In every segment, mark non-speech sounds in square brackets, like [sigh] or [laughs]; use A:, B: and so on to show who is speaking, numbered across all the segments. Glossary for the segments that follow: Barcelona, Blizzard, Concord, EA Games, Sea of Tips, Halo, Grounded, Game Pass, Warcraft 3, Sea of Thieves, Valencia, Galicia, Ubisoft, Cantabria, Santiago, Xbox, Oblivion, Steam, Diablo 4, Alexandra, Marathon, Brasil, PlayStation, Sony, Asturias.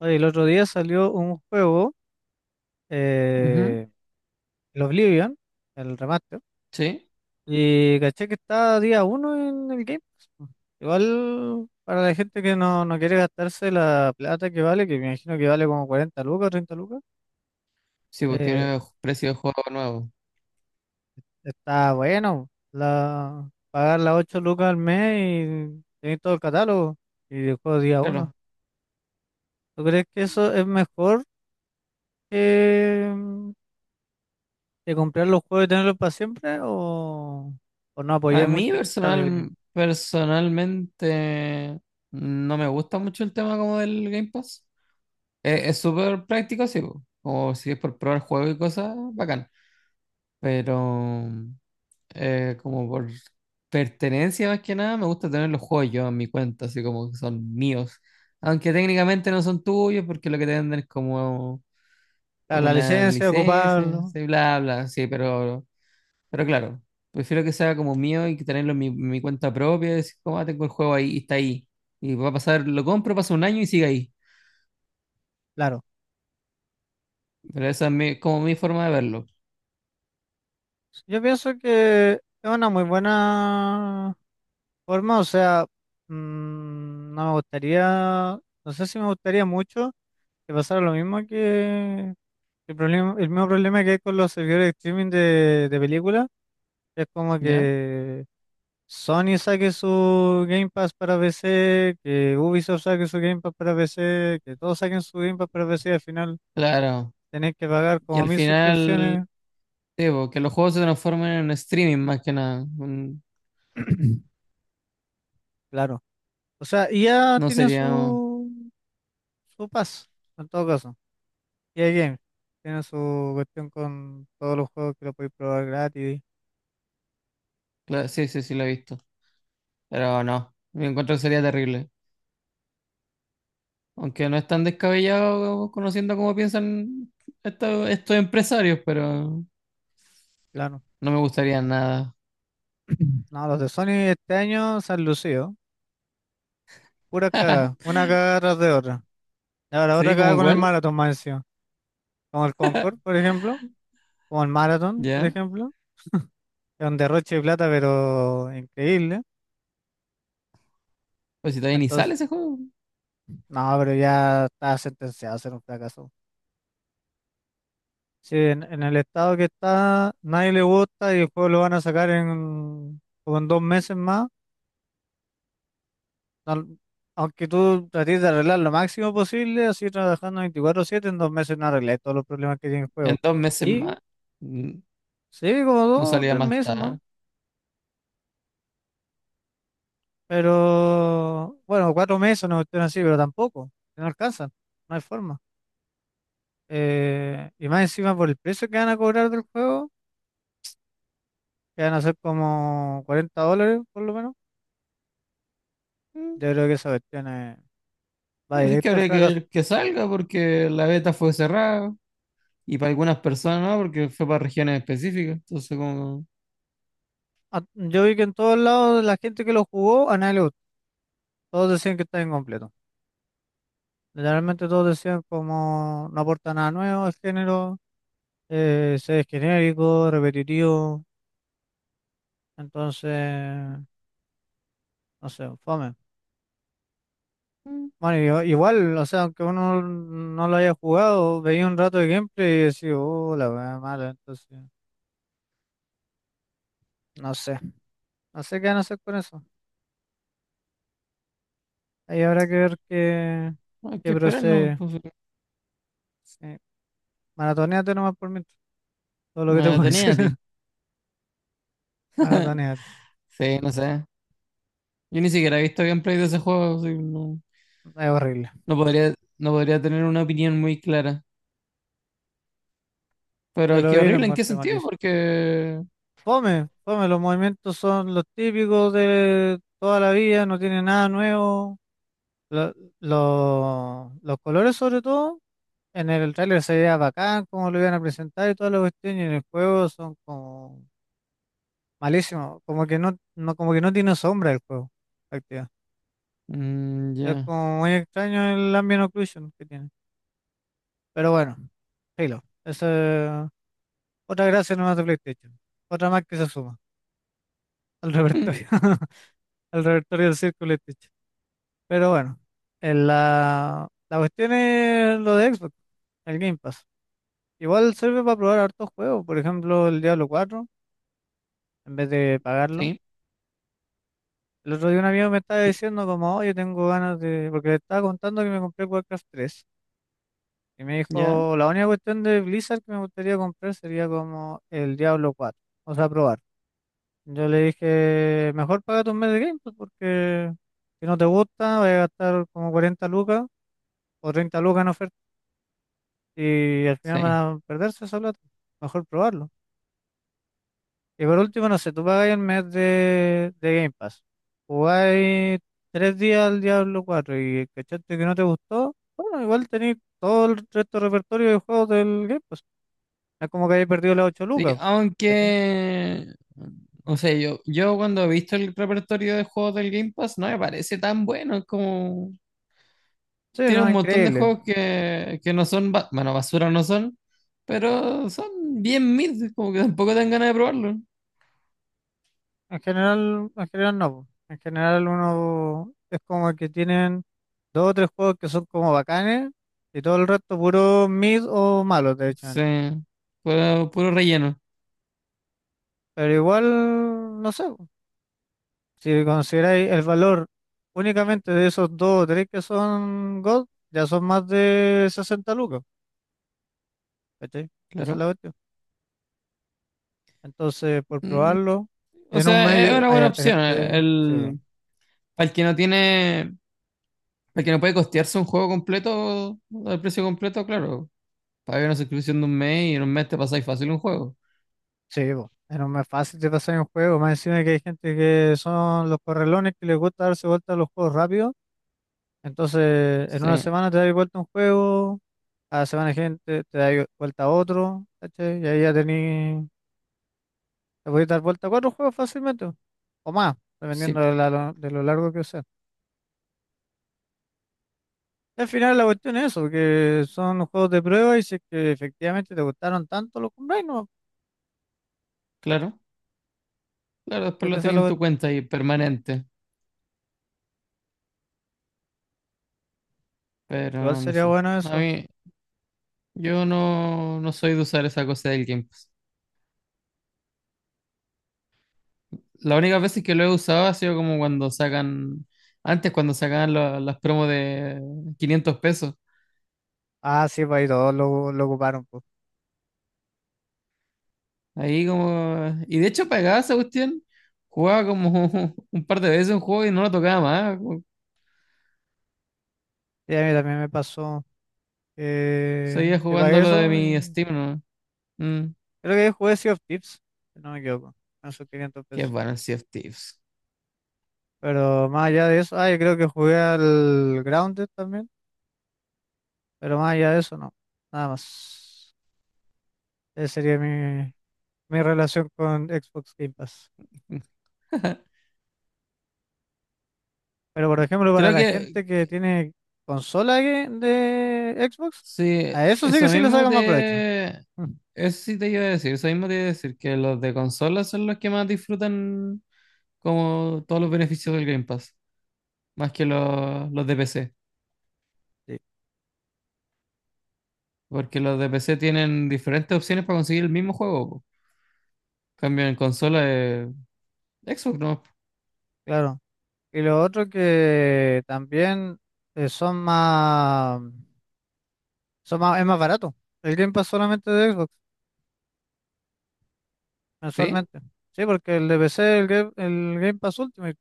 A: Oye, el otro día salió un juego,
B: Ujú.
A: eh, el Oblivion, el remaster,
B: Sí,
A: y caché que está día uno en el Game Pass. Po. Igual para la gente que no quiere gastarse la plata que vale, que me imagino que vale como 40 lucas o 30 lucas,
B: sí, pues
A: eh,
B: tiene precio de juego nuevo.
A: está bueno pagar las 8 lucas al mes y tener todo el catálogo y el juego día uno.
B: Claro,
A: ¿Tú crees que eso es mejor que, de comprar los juegos y tenerlos para siempre, o no
B: a
A: apoyé mucho
B: mí personalmente no me gusta mucho el tema como del Game Pass. Es súper práctico, sí, pues, como si es por probar juegos y cosas, bacán. Pero como por pertenencia más que nada, me gusta tener los juegos yo en mi cuenta, así como que son míos. Aunque técnicamente no son tuyos, porque lo que te venden es como
A: la
B: una
A: licencia,
B: licencia,
A: ocuparlo?
B: sí, bla, bla, sí, pero... Pero claro, prefiero que sea como mío y que tenerlo en mi cuenta propia, y decir, como, "Ah, tengo el juego ahí y está ahí. Y va a pasar, lo compro, pasa un año y sigue ahí."
A: Claro,
B: Pero esa es como mi forma de verlo.
A: yo pienso que es una muy buena forma, o sea, no me gustaría, no sé si me gustaría mucho que pasara lo mismo que el mismo problema que hay con los servidores de streaming de películas. Es como
B: ¿Ya?
A: que Sony saque su Game Pass para PC, que Ubisoft saque su Game Pass para PC, que todos saquen su Game Pass para PC. Al final
B: Claro.
A: tenés que pagar
B: Y
A: como
B: al
A: mil
B: final,
A: suscripciones.
B: sí, po, que los juegos se transformen en streaming más que nada. Mm.
A: [clears throat] Claro. O sea, ya
B: No
A: tiene
B: sería.
A: su, su pass, en todo caso. EA Games tiene su cuestión con todos los juegos que lo podéis probar gratis.
B: Claro, sí, sí, sí, lo he visto. Pero no, me encuentro que sería terrible. Aunque no es tan descabellado conociendo cómo piensan estos empresarios, pero
A: Claro.
B: no me gustaría nada.
A: [clears throat] No, los de Sony este año se han lucido. Pura cagada,
B: [laughs]
A: una cagada tras de otra. Y ahora otra
B: ¿Sí?
A: cagada
B: ¿Cómo
A: con el
B: cuál?
A: Marathon más encima. Como el Concord, por ejemplo. Como el Marathon, por
B: ¿Ya?
A: ejemplo, es un derroche de plata, pero increíble.
B: Pues si todavía ni sale
A: Entonces,
B: ese juego.
A: no, pero ya está sentenciado a ser un fracaso. Si en el estado que está, nadie le gusta y el juego lo van a sacar como en 2 meses más. no- Aunque tú trates de arreglar lo máximo posible, así trabajando 24/7, en 2 meses no arreglas todos los problemas que tiene el
B: En
A: juego.
B: dos meses
A: Y
B: más. mm,
A: sí, como
B: No
A: dos
B: salía
A: tres
B: más
A: meses más,
B: tarde.
A: pero bueno, 4 meses, no cuestión así, pero tampoco, no alcanzan, no hay forma. Y más encima por el precio que van a cobrar del juego, que van a ser como 40 dólares por lo menos,
B: Mm,
A: yo creo que esa cuestión va
B: Así que
A: directo al
B: habría que
A: fracaso.
B: ver que salga porque la beta fue cerrada. Y para algunas personas no, porque fue para regiones específicas. Entonces como...
A: Yo vi que en todos lados la gente que lo jugó, a nadie le gustó. Todos decían que está incompleto. Literalmente todos decían como no aporta nada nuevo al género, se es genérico, repetitivo. Entonces, no sé, fome.
B: mm,
A: Bueno, igual, o sea, aunque uno no lo haya jugado, veía un rato de gameplay y decía, oh, la weá mala, entonces. No sé, no sé qué van a hacer con eso. Ahí habrá que ver qué,
B: Hay
A: qué
B: que esperar, ¿no?
A: procede.
B: Pues,
A: Sí. Maratoneate nomás por mientras. Todo lo que te puedo decir.
B: maratoneate.
A: [laughs] Maratoneate.
B: Sí, no sé. Yo ni siquiera he visto gameplay de ese juego, así que no,
A: Es horrible.
B: no podría tener una opinión muy clara. Pero
A: Ya
B: es
A: lo
B: que
A: vi, lo
B: horrible, ¿en qué
A: encontré
B: sentido?
A: malísimo.
B: Porque...
A: Fome, fome. Los movimientos son los típicos de toda la vida, no tiene nada nuevo. Lo- los colores, sobre todo, en el tráiler se veía bacán, como lo iban a presentar y todas las cuestiones. Y en el juego son como malísimos. Como que no, como que no tiene sombra el juego.
B: Mm,
A: Es
B: ya.
A: como muy extraño el ambient occlusion que tiene. Pero bueno, Halo esa es otra gracia nomás de PlayStation. Otra más que se suma al repertorio,
B: [laughs]
A: [laughs] al repertorio del círculo PlayStation. Pero bueno, en la cuestión es lo de Xbox, el Game Pass. Igual sirve para probar hartos juegos. Por ejemplo, el Diablo 4 en vez de pagarlo.
B: Sí.
A: El otro día un amigo me estaba diciendo como, oye, tengo ganas de... Porque le estaba contando que me compré Warcraft 3. Y me
B: Ya.
A: dijo, la única cuestión de Blizzard que me gustaría comprar sería como el Diablo 4, o sea, probar. Yo le dije, mejor paga un mes de Game Pass porque si no te gusta, vas a gastar como 40 lucas o 30 lucas en oferta y al final van
B: Sí.
A: a perderse esa plata. Mejor probarlo. Y por último, no sé, tú pagas el mes de Game Pass, jugáis 3 días al Diablo 4 y cachaste que no te gustó, bueno, igual tenéis todo el resto del repertorio de juegos del Game Pass. No es como que haya perdido las ocho
B: Sí,
A: lucas, ¿cachai?
B: aunque, o sea, yo cuando he visto el repertorio de juegos del Game Pass, no me parece tan bueno, es como
A: Sí,
B: tiene
A: no,
B: un
A: es
B: montón de
A: increíble.
B: juegos que no son, bueno, basura no son, pero son bien mid, como que tampoco dan ganas de probarlo.
A: En general no. po. En general uno es como que tienen dos o tres juegos que son como bacanes y todo el resto puro mid o malos, de hecho.
B: Sí, puro relleno,
A: Pero igual, no sé, po. Si consideráis el valor únicamente de esos dos o tres que son God, ya son más de 60 lucas, ¿cachai? Esa es la
B: claro.
A: cuestión. Entonces, por
B: Mm,
A: probarlo, y
B: O
A: en un
B: sea, es
A: medio
B: una
A: hay
B: buena
A: harta
B: opción.
A: gente, sí.
B: El, para el que no tiene, para el que no puede costearse un juego completo al precio completo, claro. Paga una suscripción de un mes y en un mes te pasáis fácil un juego.
A: Sí, po, era más fácil de pasar en un juego, más encima que hay gente que son los correlones que les gusta darse vuelta a los juegos rápido, entonces en una
B: Sí,
A: semana te das vuelta a un juego, a la semana gente te da vuelta a otro, ¿cachai? Y ahí ya tení, te podés dar vuelta a cuatro juegos fácilmente, o más,
B: sí,
A: dependiendo de lo largo que sea. Y al final la cuestión es eso, que son juegos de prueba y si es que efectivamente te gustaron tanto los compráis, no,
B: claro. Claro,
A: es
B: después
A: que
B: lo
A: esa es
B: tenía
A: la
B: en tu
A: cuestión.
B: cuenta y permanente,
A: Igual
B: pero no
A: sería
B: sé.
A: bueno
B: A
A: eso.
B: mí, yo no, no soy de usar esa cosa del Game Pass. La única vez que lo he usado ha sido como cuando sacan, antes cuando sacaban las promos de 500 pesos.
A: Ah, sí, pues ahí todos lo ocuparon, pues.
B: Ahí como, y de hecho pagaba esa cuestión, jugaba como [laughs] un par de veces un juego y no lo tocaba más,
A: Y a mí también me pasó.
B: seguía
A: Que
B: jugando
A: pagué
B: lo de
A: eso.
B: mi Steam, ¿no? Mm,
A: Creo que jugué Sea of Tips, si no me equivoco, con sus 500
B: qué
A: pesos.
B: bueno el Sea of Thieves.
A: Pero más allá de eso, ah, yo creo que jugué al Grounded también, pero más allá de eso, no. Nada más. Esa sería mi relación con Xbox Game Pass.
B: [laughs]
A: Pero por ejemplo, para
B: Creo
A: la
B: que,
A: gente que tiene de Xbox,
B: sí,
A: a eso sí que
B: eso
A: sí le
B: mismo
A: sacan más provecho.
B: te...
A: Mm.
B: Eso sí te iba a decir, eso mismo te iba a decir, que los de consola son los que más disfrutan como todos los beneficios del Game Pass, más que los de PC,
A: Sí,
B: porque los de PC tienen diferentes opciones para conseguir el mismo juego, po. Cambio en consola, Xbox, ¿no?
A: claro. Y lo otro que también son más. Es más barato. El Game Pass solamente de Xbox,
B: ¿Sí?
A: mensualmente. Sí, porque el de PC, el Game Pass Ultimate,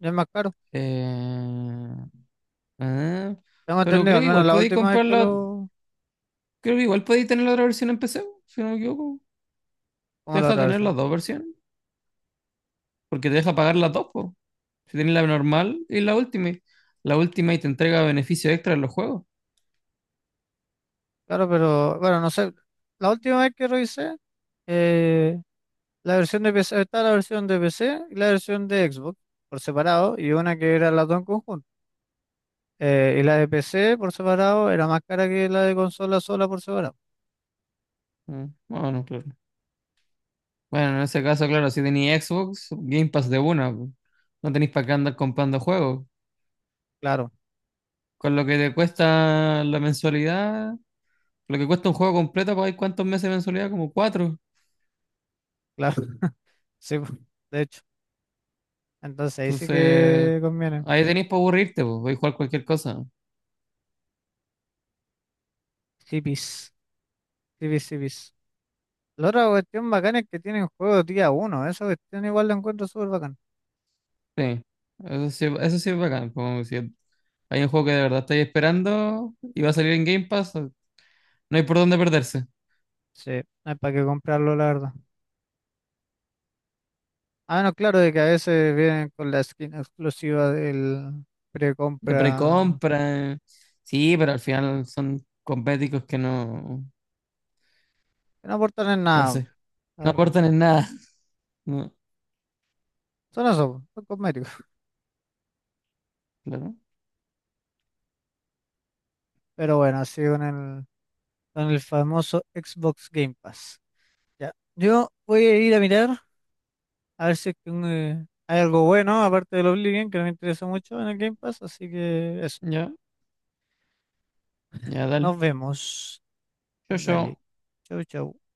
A: ya es más caro.
B: Eh, ah,
A: Tengo
B: pero
A: entendido,
B: creo
A: al
B: que
A: menos
B: igual
A: la
B: podéis
A: última vez que
B: comprarla,
A: lo...
B: creo que igual podéis tener la otra versión en PC, po, si no me equivoco. Te
A: ¿Como la
B: deja
A: otra
B: tener
A: versión?
B: las dos versiones, porque te deja pagar las dos, pues. Si tenés la normal y la última. La última y te entrega beneficios extra en los juegos.
A: Claro, pero bueno, no sé. La última vez que revisé, eh, la versión de PC, está la versión de PC y la versión de Xbox por separado, y una que era las dos en conjunto. Y la de PC por separado era más cara que la de consola sola por separado.
B: Bueno, claro. Bueno, en ese caso, claro, si tenéis Xbox, Game Pass de una, po. No tenéis para qué andar comprando juegos.
A: Claro,
B: Con lo que te cuesta la mensualidad, lo que cuesta un juego completo, pues hay cuántos meses de mensualidad, como 4.
A: claro. [laughs] Sí, po, de hecho. Entonces ahí sí
B: Entonces,
A: que conviene.
B: ahí tenéis para aburrirte, pues, podéis jugar cualquier cosa.
A: Hippies. Sí, vis, sí. La otra cuestión bacana es que tienen juegos día uno. Esa cuestión igual la encuentro súper bacana.
B: Sí, eso sí, eso sí es bacán. Como si hay un juego que de verdad estáis esperando y va a salir en Game Pass, no hay por dónde perderse.
A: Sí, no hay para qué comprarlo, la verdad. Ah, no, claro, de que a veces vienen con la skin exclusiva del
B: De
A: precompra.
B: precompra. Sí, pero al final son cosméticos que no,
A: Que no aportan en
B: no
A: nada,
B: sé,
A: la
B: no
A: verdad.
B: aportan en nada. No,
A: Son eso, po, son cosméticos.
B: claro.
A: Pero bueno, así con el famoso Xbox Game Pass. Ya. Yo voy a ir a mirar a ver si es que, hay algo bueno, aparte del Oblivion, que no me interesa mucho en el Game Pass. Así que eso,
B: Ya, ya, dale.
A: nos vemos.
B: Yo,
A: Dale.
B: yo.
A: Chau, chau.